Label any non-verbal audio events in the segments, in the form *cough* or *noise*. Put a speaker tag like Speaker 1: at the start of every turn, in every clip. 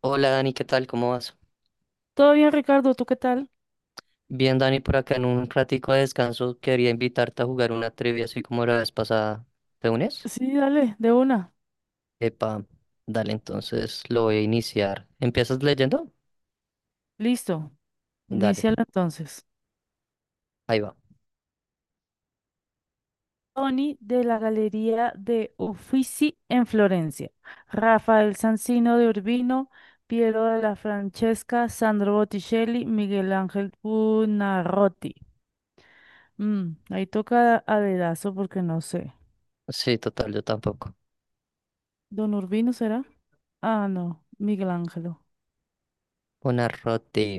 Speaker 1: Hola Dani, ¿qué tal? ¿Cómo vas?
Speaker 2: Todo bien, Ricardo, ¿tú qué tal?
Speaker 1: Bien, Dani, por acá en un ratico de descanso quería invitarte a jugar una trivia así como la vez pasada. ¿Te unes?
Speaker 2: Sí, dale, de una.
Speaker 1: Epa, dale, entonces lo voy a iniciar. ¿Empiezas leyendo?
Speaker 2: Listo.
Speaker 1: Dale,
Speaker 2: Inicialo entonces.
Speaker 1: ahí va.
Speaker 2: Tony de la Galería de Uffizi en Florencia. Rafael Sanzino de Urbino, Piero de la Francesca, Sandro Botticelli, Miguel Ángel Buonarroti. Ahí toca a dedazo porque no sé.
Speaker 1: Sí, total, yo tampoco.
Speaker 2: ¿Don Urbino será? Ah, no, Miguel Ángelo.
Speaker 1: Una roti.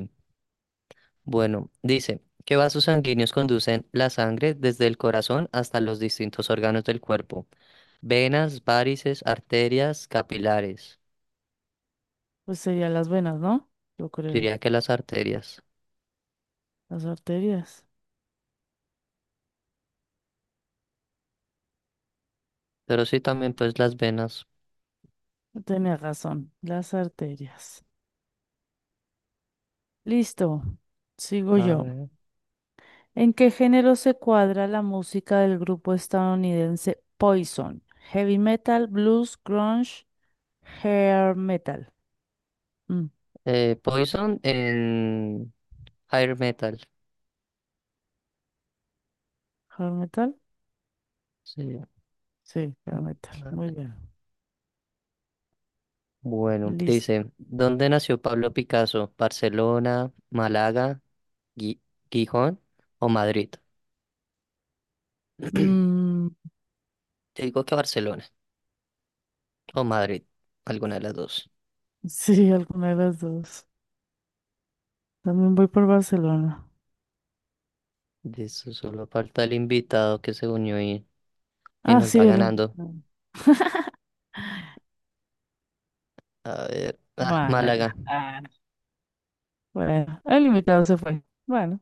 Speaker 1: Bueno, dice, ¿qué vasos sanguíneos conducen la sangre desde el corazón hasta los distintos órganos del cuerpo? Venas, várices, arterias, capilares.
Speaker 2: Pues serían las venas, ¿no? Yo
Speaker 1: Yo
Speaker 2: creo.
Speaker 1: diría que las arterias,
Speaker 2: Las arterias.
Speaker 1: pero sí también pues las venas.
Speaker 2: Tenía razón, las arterias. Listo, sigo
Speaker 1: A
Speaker 2: yo.
Speaker 1: ver.
Speaker 2: ¿En qué género se cuadra la música del grupo estadounidense Poison? Heavy metal, blues, grunge, hair metal. Mm,
Speaker 1: Poison en Higher Metal.
Speaker 2: ¿Hair metal?
Speaker 1: Sí.
Speaker 2: Sí, hair metal. Muy
Speaker 1: Vale.
Speaker 2: bien.
Speaker 1: Bueno,
Speaker 2: Listo.
Speaker 1: dice, ¿dónde nació Pablo Picasso? ¿Barcelona, Málaga, Gui- Gijón o Madrid?
Speaker 2: Mm,
Speaker 1: Te digo que Barcelona o Madrid, alguna de las dos.
Speaker 2: *laughs* sí, alguna de las dos. También voy por Barcelona.
Speaker 1: De eso solo falta el invitado que se unió y
Speaker 2: Ah,
Speaker 1: nos
Speaker 2: sí,
Speaker 1: va
Speaker 2: el
Speaker 1: ganando.
Speaker 2: invitado.
Speaker 1: A ver, ah, Málaga.
Speaker 2: Málaga. Ah, bueno, el invitado se fue. Bueno.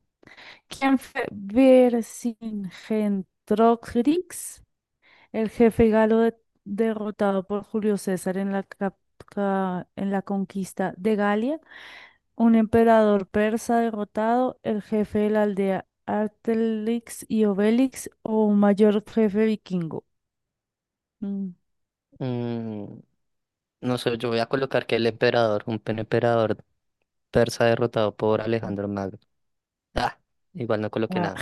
Speaker 2: ¿Quién fue Vercingetorix? El jefe galo derrotado por Julio César en la conquista de Galia, un emperador persa derrotado, el jefe de la aldea Artelix y Obelix o un mayor jefe vikingo. Mm,
Speaker 1: Mm, no sé, yo voy a colocar que el emperador, un emperador persa derrotado por Alejandro Magno. Ah, igual no coloqué
Speaker 2: ah.
Speaker 1: nada.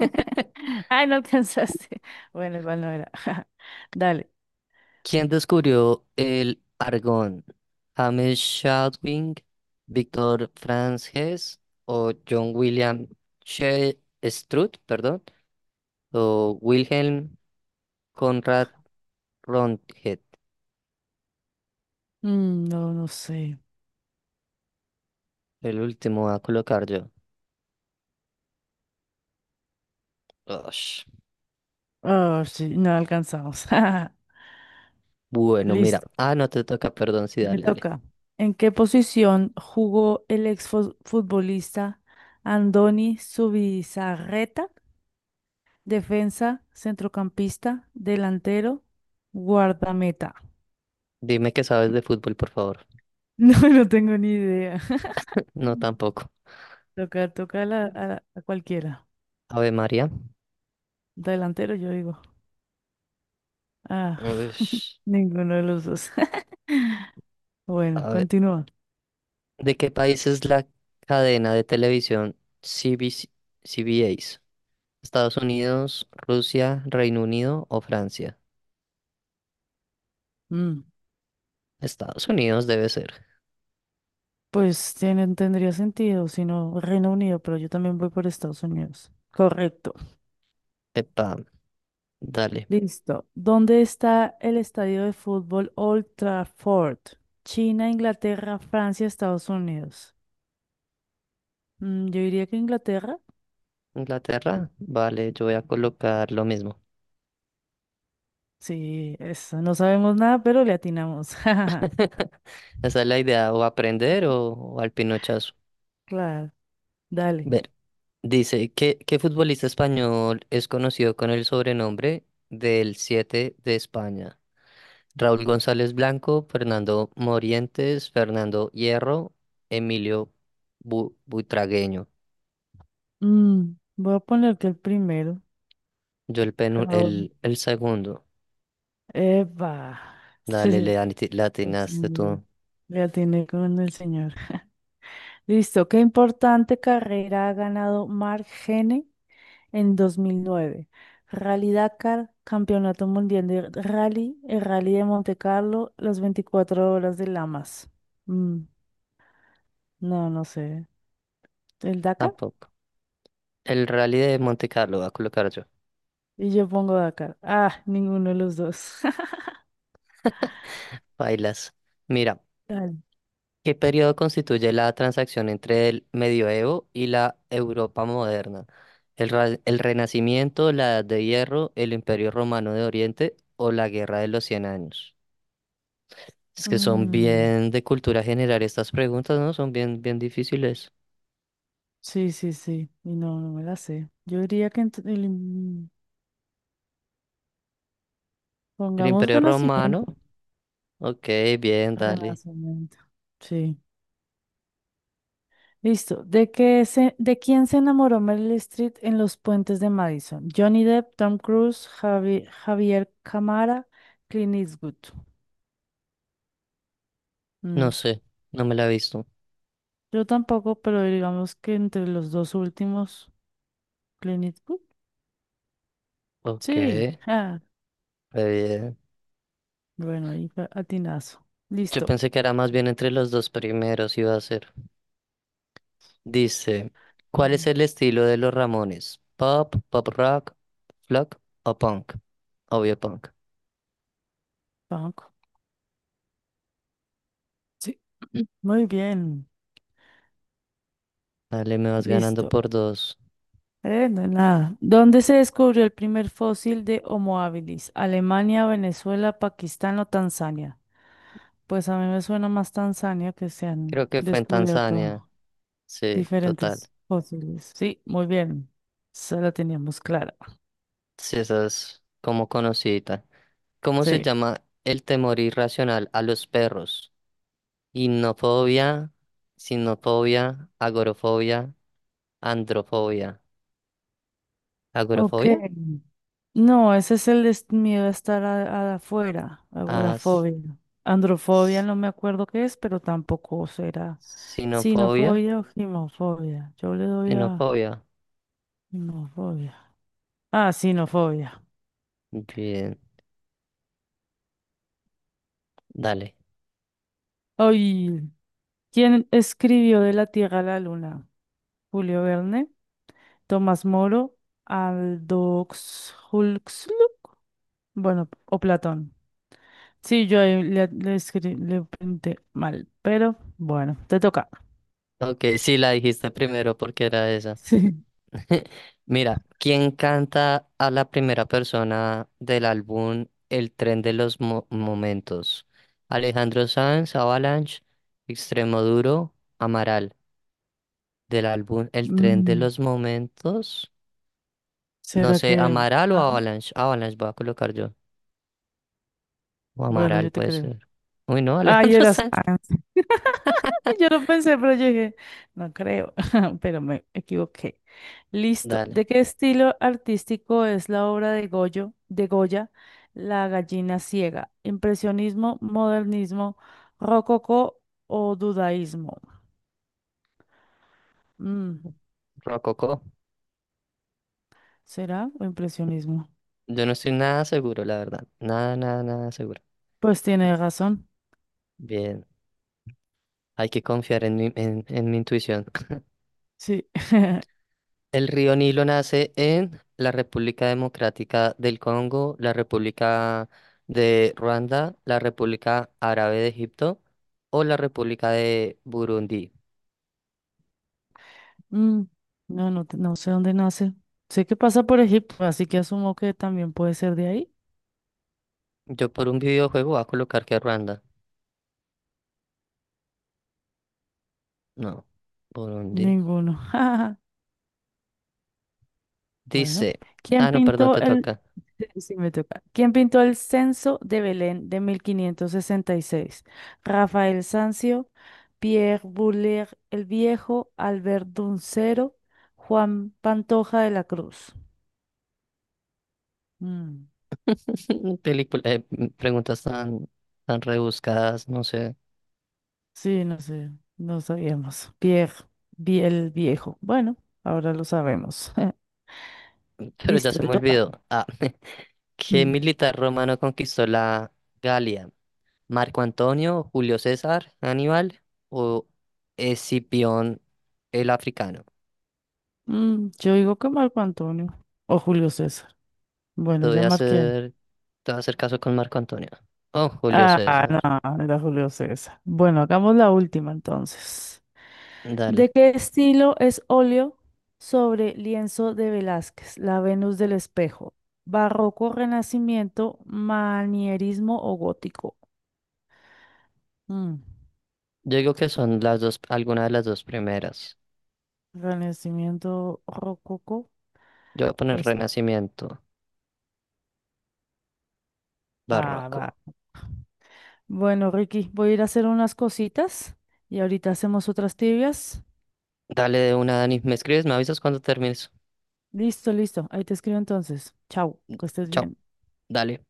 Speaker 1: *laughs*
Speaker 2: Ay, no alcanzaste. Bueno, igual no era. *laughs* Dale.
Speaker 1: ¿Quién descubrió el argón? ¿James Chadwick, Víctor Franz Hess o John William Strutt, perdón, o Wilhelm Conrad Röntgen?
Speaker 2: No, no sé.
Speaker 1: El último voy a colocar yo. Ush.
Speaker 2: Ah, sí, no alcanzamos. *laughs*
Speaker 1: Bueno,
Speaker 2: Listo,
Speaker 1: mira. Ah, no te toca, perdón, sí,
Speaker 2: me
Speaker 1: dale, dale.
Speaker 2: toca. ¿En qué posición jugó el exfutbolista Andoni Zubizarreta? Defensa, centrocampista, delantero, guardameta. *laughs*
Speaker 1: Dime que sabes de fútbol, por favor.
Speaker 2: No, no tengo ni idea.
Speaker 1: No,
Speaker 2: *laughs*
Speaker 1: tampoco.
Speaker 2: Toca, toca a cualquiera.
Speaker 1: Ave María.
Speaker 2: Delantero, yo digo. Ah, *laughs*
Speaker 1: Ush.
Speaker 2: ninguno de los dos. *laughs* Bueno,
Speaker 1: A ver.
Speaker 2: continúa.
Speaker 1: ¿De qué país es la cadena de televisión CBC? ¿CBS? Estados Unidos, Rusia, Reino Unido o Francia.
Speaker 2: Mm,
Speaker 1: Estados Unidos debe ser.
Speaker 2: Pues tendría sentido, si no Reino Unido, pero yo también voy por Estados Unidos. Correcto.
Speaker 1: Epa, dale.
Speaker 2: Listo. ¿Dónde está el estadio de fútbol Old Trafford? China, Inglaterra, Francia, Estados Unidos. Yo diría que Inglaterra.
Speaker 1: Inglaterra, vale, yo voy a colocar lo mismo.
Speaker 2: Sí, eso. No sabemos nada, pero le atinamos. *laughs*
Speaker 1: *laughs* Esa es la idea, o aprender o al pinochazo.
Speaker 2: Claro, dale.
Speaker 1: Ver, dice, ¿qué futbolista español es conocido con el sobrenombre del 7 de España? Raúl González Blanco, Fernando Morientes, Fernando Hierro, Emilio Buitragueño.
Speaker 2: Voy a poner que el primero.
Speaker 1: Yo el, penu-
Speaker 2: Raúl.
Speaker 1: el segundo.
Speaker 2: Eva.
Speaker 1: Dale,
Speaker 2: *laughs*
Speaker 1: le
Speaker 2: El
Speaker 1: atinaste tú.
Speaker 2: señor. Le atiné con el señor. *laughs* Listo. ¿Qué importante carrera ha ganado Mark Gene? En 2009 Rally Dakar, Campeonato Mundial de Rally, el Rally de Monte Carlo, las 24 horas de Lamas. Mm, no, no sé. ¿El Dakar?
Speaker 1: Tampoco. El Rally de Monte Carlo va a colocar yo.
Speaker 2: Y yo pongo Dakar. Ah, ninguno de los dos. *laughs*
Speaker 1: Bailas. Mira,
Speaker 2: Dale.
Speaker 1: ¿qué periodo constituye la transacción entre el medioevo y la Europa moderna? El Renacimiento, la Edad de Hierro, el Imperio Romano de Oriente o la Guerra de los Cien Años? Es que son
Speaker 2: Mm,
Speaker 1: bien de cultura general estas preguntas, ¿no? Son bien, bien difíciles.
Speaker 2: sí, sí, sí. Y no, no me la sé. Yo diría que
Speaker 1: ¿El
Speaker 2: pongamos
Speaker 1: Imperio
Speaker 2: Renacimiento.
Speaker 1: Romano? Ok, bien, dale.
Speaker 2: Renacimiento. Sí. Listo. ¿De quién se enamoró Meryl Streep en Los Puentes de Madison? Johnny Depp, Tom Cruise, Javier Camara, Clint Eastwood.
Speaker 1: No
Speaker 2: Mm,
Speaker 1: sé, no me la he visto.
Speaker 2: Yo tampoco, pero digamos que entre los dos últimos, Clint Eastwood.
Speaker 1: Ok,
Speaker 2: Sí.
Speaker 1: re
Speaker 2: *laughs* Ah,
Speaker 1: bien.
Speaker 2: bueno, ahí fue atinazo.
Speaker 1: Yo
Speaker 2: Listo.
Speaker 1: pensé que era más bien entre los dos primeros iba a ser. Dice, ¿cuál es
Speaker 2: Mm,
Speaker 1: el estilo de los Ramones? ¿Pop, pop rock, flock o punk? Obvio punk.
Speaker 2: Banco. Sí. Muy bien.
Speaker 1: Dale, me vas ganando
Speaker 2: Listo.
Speaker 1: por dos.
Speaker 2: No hay nada. ¿Dónde se descubrió el primer fósil de Homo habilis? ¿Alemania, Venezuela, Pakistán o Tanzania? Pues a mí me suena más Tanzania que se han
Speaker 1: Creo que fue en Tanzania.
Speaker 2: descubierto
Speaker 1: Sí, total.
Speaker 2: diferentes fósiles. Sí, muy bien. Esa la teníamos clara.
Speaker 1: Sí, esa es como conocidita. ¿Cómo se
Speaker 2: Sí.
Speaker 1: llama el temor irracional a los perros? Innofobia, sinofobia, agorofobia, androfobia.
Speaker 2: Ok.
Speaker 1: ¿Agorofobia?
Speaker 2: No, ese es el miedo a estar afuera,
Speaker 1: As...
Speaker 2: agorafobia. Androfobia no me acuerdo qué es, pero tampoco será
Speaker 1: Sinofobia,
Speaker 2: sinofobia o gimofobia. Yo le doy a
Speaker 1: sinofobia.
Speaker 2: gimofobia. Ah, sinofobia.
Speaker 1: Bien, dale.
Speaker 2: Ay, ¿quién escribió De la Tierra a la Luna? Julio Verne. Tomás Moro, Aldo Huxley, bueno, o Platón. Sí, yo ahí le escribí, le pinté mal, pero bueno, te toca. *laughs*
Speaker 1: Ok, sí la dijiste primero porque era esa.
Speaker 2: Sí.
Speaker 1: *laughs* Mira, ¿quién canta a la primera persona del álbum El tren de los momentos? Alejandro Sanz, Avalanche, Extremoduro, Amaral. Del álbum El tren de
Speaker 2: Mm,
Speaker 1: los momentos. No
Speaker 2: ¿Será
Speaker 1: sé,
Speaker 2: que...?
Speaker 1: Amaral o
Speaker 2: Ah,
Speaker 1: Avalanche. Avalanche voy a colocar yo. O
Speaker 2: bueno,
Speaker 1: Amaral
Speaker 2: yo te
Speaker 1: puede
Speaker 2: creo.
Speaker 1: ser. Uy, no,
Speaker 2: Ah, y
Speaker 1: Alejandro *laughs*
Speaker 2: eras...
Speaker 1: Sanz.
Speaker 2: *laughs* Yo lo pensé, pero yo dije, no creo, *laughs* pero me equivoqué. Listo.
Speaker 1: Dale.
Speaker 2: ¿De qué estilo artístico es la obra de Goya, La gallina ciega? ¿Impresionismo, modernismo, rococó o dudaísmo? Mm,
Speaker 1: Rococó.
Speaker 2: ¿Será o impresionismo?
Speaker 1: Yo no estoy nada seguro, la verdad. Nada, nada, nada seguro.
Speaker 2: Pues tiene razón.
Speaker 1: Bien, hay que confiar en mi, en mi intuición.
Speaker 2: Sí. *laughs*
Speaker 1: El río Nilo nace en la República Democrática del Congo, la República de Ruanda, la República Árabe de Egipto o la República de Burundi.
Speaker 2: Mm, no, no, no sé dónde nace. Sé que pasa por Egipto, así que asumo que también puede ser de ahí.
Speaker 1: Yo por un videojuego voy a colocar que Ruanda. No, Burundi.
Speaker 2: Ninguno. *laughs* Bueno,
Speaker 1: Dice.
Speaker 2: ¿quién
Speaker 1: Ah, no, perdón,
Speaker 2: pintó
Speaker 1: te
Speaker 2: el,
Speaker 1: toca.
Speaker 2: sí, *laughs* sí, me toca. ¿Quién pintó el censo de Belén de 1566? Rafael Sanzio, Pierre Buller el Viejo, Albert Duncero, Juan Pantoja de la Cruz. Mm,
Speaker 1: *laughs* Película, preguntas tan, tan rebuscadas, no sé.
Speaker 2: sí, no sé, no sabíamos. Pierre el Viejo. Bueno, ahora lo sabemos. *laughs*
Speaker 1: Pero ya
Speaker 2: Listo,
Speaker 1: se me
Speaker 2: te toca.
Speaker 1: olvidó. Ah, *laughs* ¿qué
Speaker 2: Mm,
Speaker 1: militar romano conquistó la Galia? ¿Marco Antonio, Julio César, Aníbal o Escipión el africano?
Speaker 2: yo digo que Marco Antonio o Julio César.
Speaker 1: Te
Speaker 2: Bueno,
Speaker 1: voy
Speaker 2: ya
Speaker 1: a
Speaker 2: marqué.
Speaker 1: hacer, te voy a hacer caso con Marco Antonio. Oh, Julio
Speaker 2: Ah,
Speaker 1: César.
Speaker 2: no, no era Julio César. Bueno, hagamos la última entonces.
Speaker 1: Dale.
Speaker 2: ¿De qué estilo es óleo sobre lienzo de Velázquez, la Venus del espejo? ¿Barroco, Renacimiento, Manierismo o Gótico? Mm,
Speaker 1: Yo digo que son las dos, alguna de las dos primeras.
Speaker 2: Renacimiento, Rococó,
Speaker 1: Yo voy a poner
Speaker 2: pues,
Speaker 1: Renacimiento,
Speaker 2: ah, va.
Speaker 1: Barroco.
Speaker 2: Bueno, Ricky, voy a ir a hacer unas cositas y ahorita hacemos otras tibias.
Speaker 1: Dale de una, Dani. ¿Me escribes? ¿Me avisas cuando termines?
Speaker 2: Listo, listo. Ahí te escribo entonces. Chao, que estés
Speaker 1: Chao.
Speaker 2: bien.
Speaker 1: Dale.